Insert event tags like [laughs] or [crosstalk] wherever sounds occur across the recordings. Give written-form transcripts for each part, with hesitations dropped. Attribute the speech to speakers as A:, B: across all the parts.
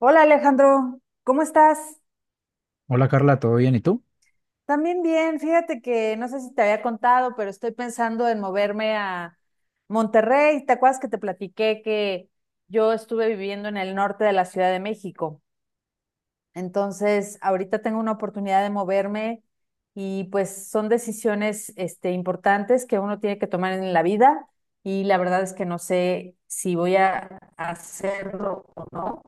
A: Hola Alejandro, ¿cómo estás?
B: Hola Carla, ¿todo bien? ¿Y tú?
A: También bien, fíjate que no sé si te había contado, pero estoy pensando en moverme a Monterrey. ¿Te acuerdas que te platiqué que yo estuve viviendo en el norte de la Ciudad de México? Entonces, ahorita tengo una oportunidad de moverme y pues son decisiones importantes que uno tiene que tomar en la vida y la verdad es que no sé si voy a hacerlo o no.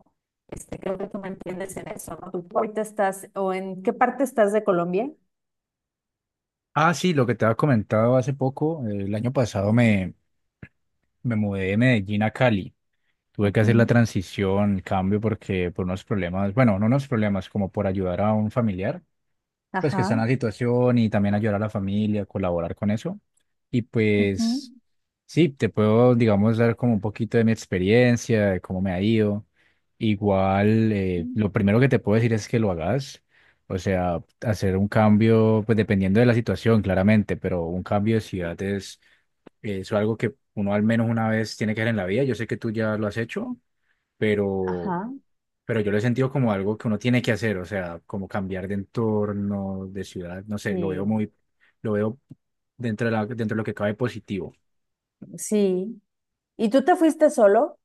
A: Creo que tú me entiendes en eso, ¿no? Tú ahorita estás, ¿o en qué parte estás de Colombia?
B: Ah, sí, lo que te había comentado hace poco, el año pasado me mudé de Medellín a Cali. Tuve que hacer la
A: Ujú.
B: transición, el cambio, porque por unos problemas, bueno, no unos problemas, como por ayudar a un familiar. Pues que está en
A: Ajá.
B: la situación y también ayudar a la familia, colaborar con eso. Y
A: Ujú.
B: pues sí, te puedo, digamos, dar como un poquito de mi experiencia, de cómo me ha ido. Igual,
A: Mm.
B: lo primero que te puedo decir es que lo hagas. O sea, hacer un cambio, pues dependiendo de la situación, claramente, pero un cambio de ciudad es algo que uno al menos una vez tiene que hacer en la vida. Yo sé que tú ya lo has hecho, pero
A: Ajá,
B: pero yo lo he sentido como algo que uno tiene que hacer, o sea, como cambiar de entorno, de ciudad, no sé, lo veo
A: sí,
B: lo veo dentro de lo que cabe positivo.
A: sí. ¿Y tú te fuiste solo?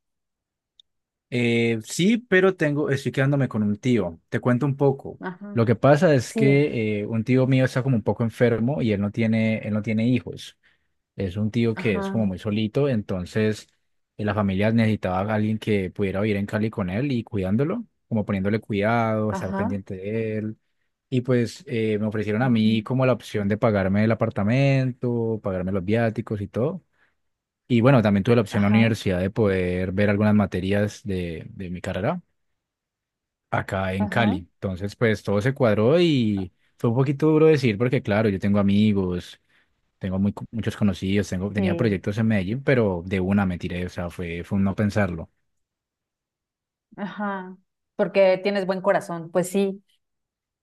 B: Sí, pero tengo, estoy quedándome con un tío. Te cuento un poco.
A: Ajá.
B: Lo que pasa es
A: Sí.
B: que un tío mío está como un poco enfermo y él no tiene hijos. Es un tío que es como
A: Ajá.
B: muy solito, entonces la familia necesitaba a alguien que pudiera vivir en Cali con él y cuidándolo, como poniéndole cuidado, estar
A: Ajá.
B: pendiente de él. Y pues me ofrecieron a
A: Ujú.
B: mí como la opción de pagarme el apartamento, pagarme los viáticos y todo. Y bueno, también tuve la opción en la
A: Ajá.
B: universidad de poder ver algunas materias de mi carrera acá en
A: Ajá.
B: Cali. Entonces, pues todo se cuadró y fue un poquito duro decir porque, claro, yo tengo amigos, tengo muchos conocidos, tenía
A: Sí.
B: proyectos en Medellín, pero de una me tiré, o sea, fue un no pensarlo.
A: Ajá, porque tienes buen corazón.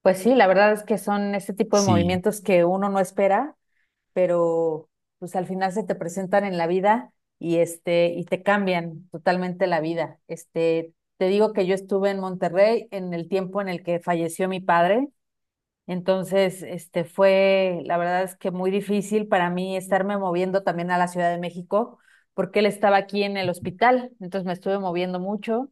A: Pues sí, la verdad es que son este tipo de
B: Sí,
A: movimientos que uno no espera, pero pues al final se te presentan en la vida y y te cambian totalmente la vida. Te digo que yo estuve en Monterrey en el tiempo en el que falleció mi padre, entonces fue, la verdad es que muy difícil para mí estarme moviendo también a la Ciudad de México porque él estaba aquí en el hospital, entonces me estuve moviendo mucho,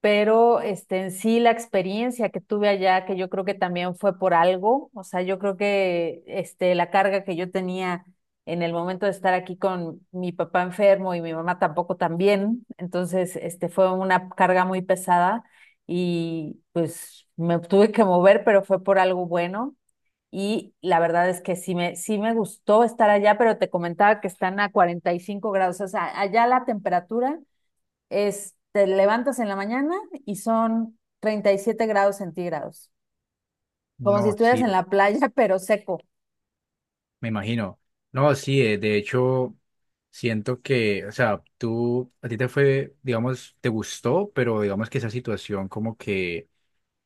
A: pero en sí la experiencia que tuve allá, que yo creo que también fue por algo, o sea, yo creo que la carga que yo tenía en el momento de estar aquí con mi papá enfermo y mi mamá tampoco también, entonces fue una carga muy pesada y pues me tuve que mover, pero fue por algo bueno. Y la verdad es que sí me gustó estar allá, pero te comentaba que están a 45 grados, o sea, allá la temperatura es, te levantas en la mañana y son 37 grados centígrados, como si
B: no,
A: estuvieras
B: sí,
A: en la playa, [laughs] pero seco.
B: me imagino. No, sí, de hecho, siento que, o sea, tú, a ti te fue, digamos, te gustó, pero digamos que esa situación como que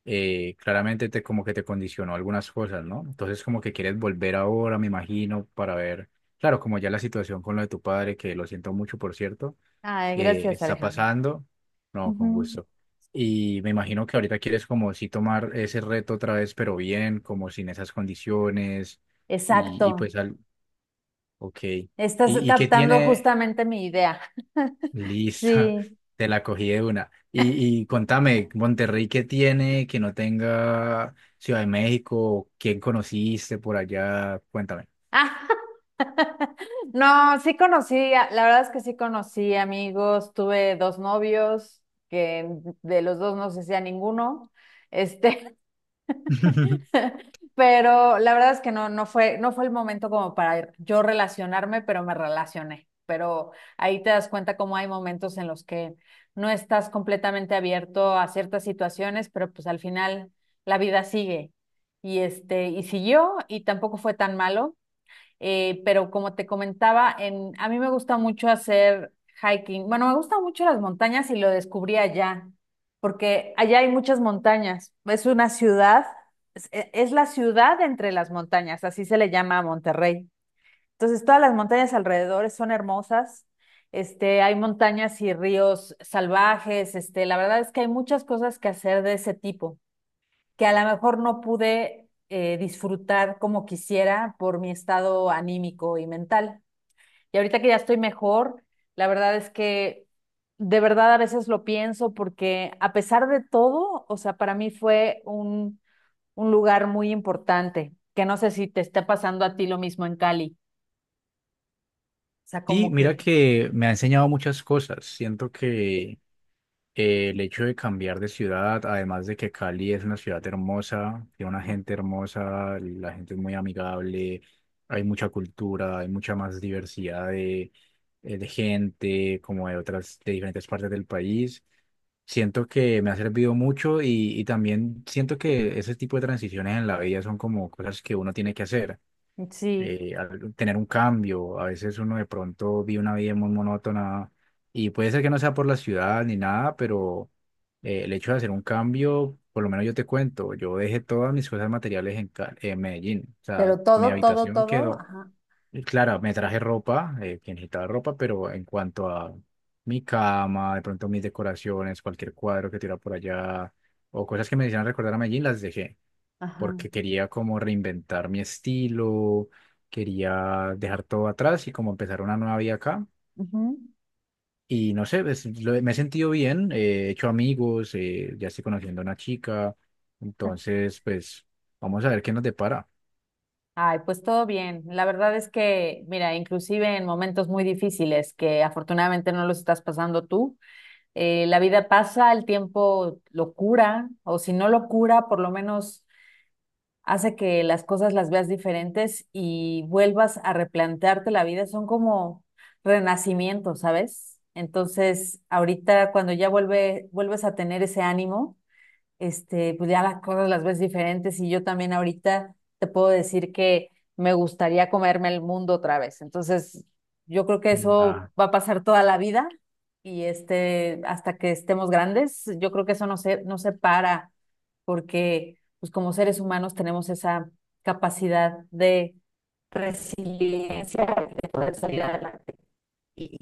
B: claramente como que te condicionó algunas cosas, ¿no? Entonces como que quieres volver ahora, me imagino, para ver, claro, como ya la situación con lo de tu padre, que lo siento mucho, por cierto.
A: Ay,
B: Eh,
A: gracias,
B: está
A: Alejandro.
B: pasando. No, con
A: Ujú.
B: gusto. Y me imagino que ahorita quieres como sí tomar ese reto otra vez, pero bien, como sin esas condiciones. Y, y
A: Exacto.
B: pues, al, ok.
A: Estás
B: ¿Y qué
A: captando
B: tiene?
A: justamente mi idea.
B: Lista, [laughs]
A: Sí.
B: te la cogí de una. Y contame, Monterrey, ¿qué tiene que no tenga Ciudad de México? ¿Quién conociste por allá? Cuéntame.
A: Ah, [laughs] no, sí conocí, la verdad es que sí conocí amigos, tuve dos novios, que de los dos no se hacía ninguno. Este,
B: [laughs]
A: [laughs] Pero la verdad es que no, no fue el momento como para yo relacionarme, pero me relacioné. Pero ahí te das cuenta cómo hay momentos en los que no estás completamente abierto a ciertas situaciones, pero pues al final la vida sigue. Y y siguió, y tampoco fue tan malo. Pero como te comentaba, a mí me gusta mucho hacer hiking. Bueno, me gustan mucho las montañas y lo descubrí allá, porque allá hay muchas montañas. Es una ciudad, es, e- es la ciudad entre las montañas, así se le llama a Monterrey. Entonces, todas las montañas alrededor son hermosas. Hay montañas y ríos salvajes. La verdad es que hay muchas cosas que hacer de ese tipo que a lo mejor no pude disfrutar como quisiera por mi estado anímico y mental. Y ahorita que ya estoy mejor, la verdad es que de verdad a veces lo pienso porque a pesar de todo, o sea, para mí fue un lugar muy importante, que no sé si te está pasando a ti lo mismo en Cali. O sea,
B: Sí,
A: como
B: mira
A: que...
B: que me ha enseñado muchas cosas. Siento que, eh, el hecho de cambiar de ciudad, además de que Cali es una ciudad hermosa, tiene una
A: No.
B: gente hermosa, la gente es muy amigable, hay mucha cultura, hay mucha más diversidad de gente, como de otras, de diferentes partes del país. Siento que me ha servido mucho y también siento que ese tipo de transiciones en la vida son como cosas que uno tiene que hacer,
A: Sí.
B: tener un cambio. A veces uno de pronto vive una vida muy monótona y puede ser que no sea por la ciudad ni nada, pero, el hecho de hacer un cambio, por lo menos yo te cuento, yo dejé todas mis cosas materiales en Medellín. O sea,
A: Pero
B: mi
A: todo, todo,
B: habitación
A: todo,
B: quedó,
A: ajá.
B: y claro, me traje ropa, que necesitaba ropa, pero en cuanto a mi cama, de pronto mis decoraciones, cualquier cuadro que tira por allá o cosas que me hicieran recordar a Medellín, las dejé
A: Ajá.
B: porque quería como reinventar mi estilo, quería dejar todo atrás y como empezar una nueva vida acá.
A: Ujú.
B: Y no sé, pues, me he sentido bien, he hecho amigos, ya estoy conociendo a una chica, entonces pues vamos a ver qué nos depara.
A: Ay, pues todo bien. La verdad es que, mira, inclusive en momentos muy difíciles que afortunadamente no los estás pasando tú, la vida pasa, el tiempo lo cura, o si no lo cura, por lo menos hace que las cosas las veas diferentes y vuelvas a replantearte la vida. Son como renacimientos, ¿sabes? Entonces, ahorita cuando ya vuelves a tener ese ánimo, pues ya las cosas las ves diferentes y yo también ahorita te puedo decir que me gustaría comerme el mundo otra vez. Entonces, yo creo que
B: Mm.
A: eso va a pasar toda la vida y hasta que estemos grandes, yo creo que eso no se para porque pues como seres humanos tenemos esa capacidad de... Y-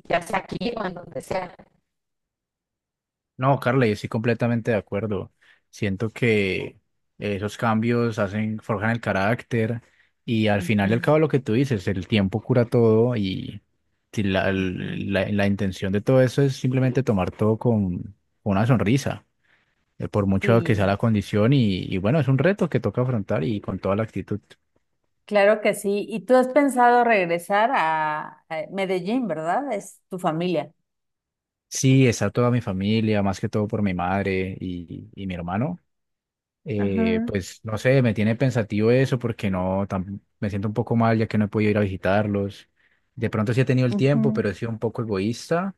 B: No, Carla, yo estoy completamente de acuerdo. Siento que esos cambios hacen, forjan el carácter y al final y al
A: Ujú,
B: cabo lo que tú dices, el tiempo cura todo y si
A: ujú.
B: la intención de todo eso es simplemente tomar todo con una sonrisa, por mucho que sea
A: Sí,
B: la condición y bueno, es un reto que toca afrontar y con toda la actitud.
A: claro que sí. ¿Y tú has pensado regresar a Medellín, verdad? Es tu familia.
B: Sí, está toda mi familia, más que todo por mi madre y mi hermano.
A: Ajá.
B: Pues no sé, me tiene pensativo eso porque no, me siento un poco mal ya que no he podido ir a visitarlos. De pronto sí he tenido el tiempo, pero
A: Ujú.
B: he sido un poco egoísta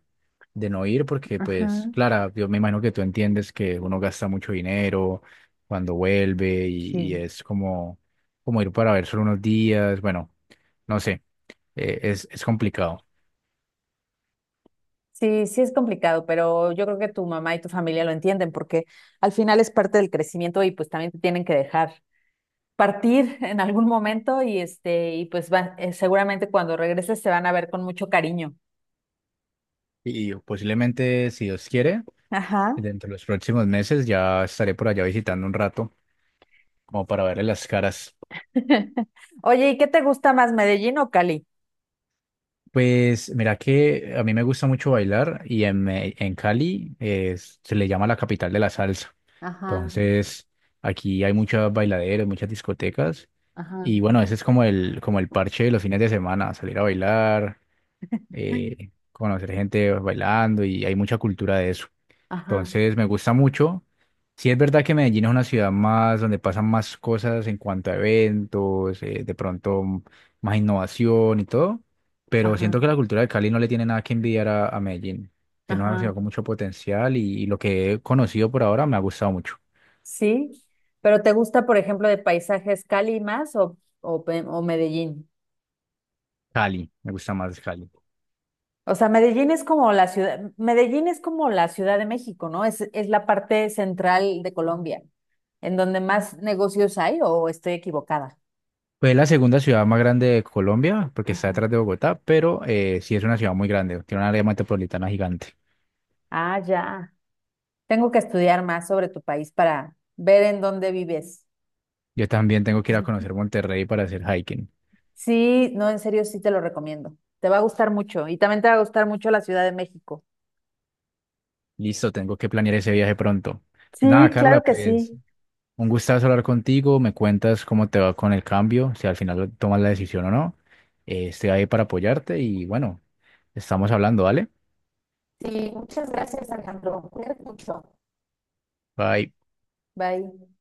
B: de no ir porque, pues,
A: Ajá.
B: Clara, yo me imagino que tú entiendes que uno gasta mucho dinero cuando vuelve y
A: Sí.
B: es como, como ir para ver solo unos días. Bueno, no sé, es complicado.
A: Sí, sí es complicado, pero yo creo que tu mamá y tu familia lo entienden porque al final es parte del crecimiento y pues también te tienen que dejar partir [laughs] en algún momento y y pues va, seguramente cuando regreses se van a ver con mucho cariño.
B: Y posiblemente, si Dios quiere,
A: Ajá.
B: dentro de los próximos meses ya estaré por allá visitando un rato como para verle las caras.
A: [laughs] Oye, ¿y qué te gusta más, Medellín o Cali?
B: Pues mira que a mí me gusta mucho bailar y en Cali se le llama la capital de la salsa.
A: Ajá.
B: Entonces aquí hay muchos bailaderos, muchas discotecas
A: Ajá.
B: y bueno, ese es como el parche de los fines de semana, salir a bailar, conocer gente bailando y hay mucha cultura de eso.
A: Ajá.
B: Entonces me gusta mucho. Sí es verdad que Medellín es una ciudad más donde pasan más cosas en cuanto a eventos, más innovación y todo, pero
A: Ajá.
B: siento que la cultura de Cali no le tiene nada que envidiar a Medellín. Tiene una ciudad
A: Ajá.
B: con mucho potencial y lo que he conocido por ahora me ha gustado mucho.
A: Sí, pero ¿te gusta, por ejemplo, de paisajes Cali más o Medellín?
B: Cali, me gusta más Cali.
A: O sea, Medellín es como la ciudad, Medellín es como la Ciudad de México, ¿no? Es la parte central de Colombia, en donde más negocios hay, o estoy equivocada.
B: Pues es la segunda ciudad más grande de Colombia porque está
A: Ajá.
B: detrás de Bogotá, pero sí es una ciudad muy grande, tiene una área metropolitana gigante.
A: Ah, ya. Tengo que estudiar más sobre tu país para ver en dónde vives.
B: Yo también tengo que ir a conocer Monterrey para hacer hiking.
A: Sí, no, en serio, sí te lo recomiendo. Te va a gustar mucho y también te va a gustar mucho la Ciudad de México.
B: Listo, tengo que planear ese viaje pronto. Nada,
A: Sí, claro
B: Carla,
A: que
B: pues
A: sí.
B: un gustazo hablar contigo. Me cuentas cómo te va con el cambio, si al final tomas la decisión o no. Estoy ahí para apoyarte y bueno, estamos hablando, ¿vale?
A: Sí, muchas gracias, Alejandro. Cuídate mucho.
B: Bye.
A: Bye.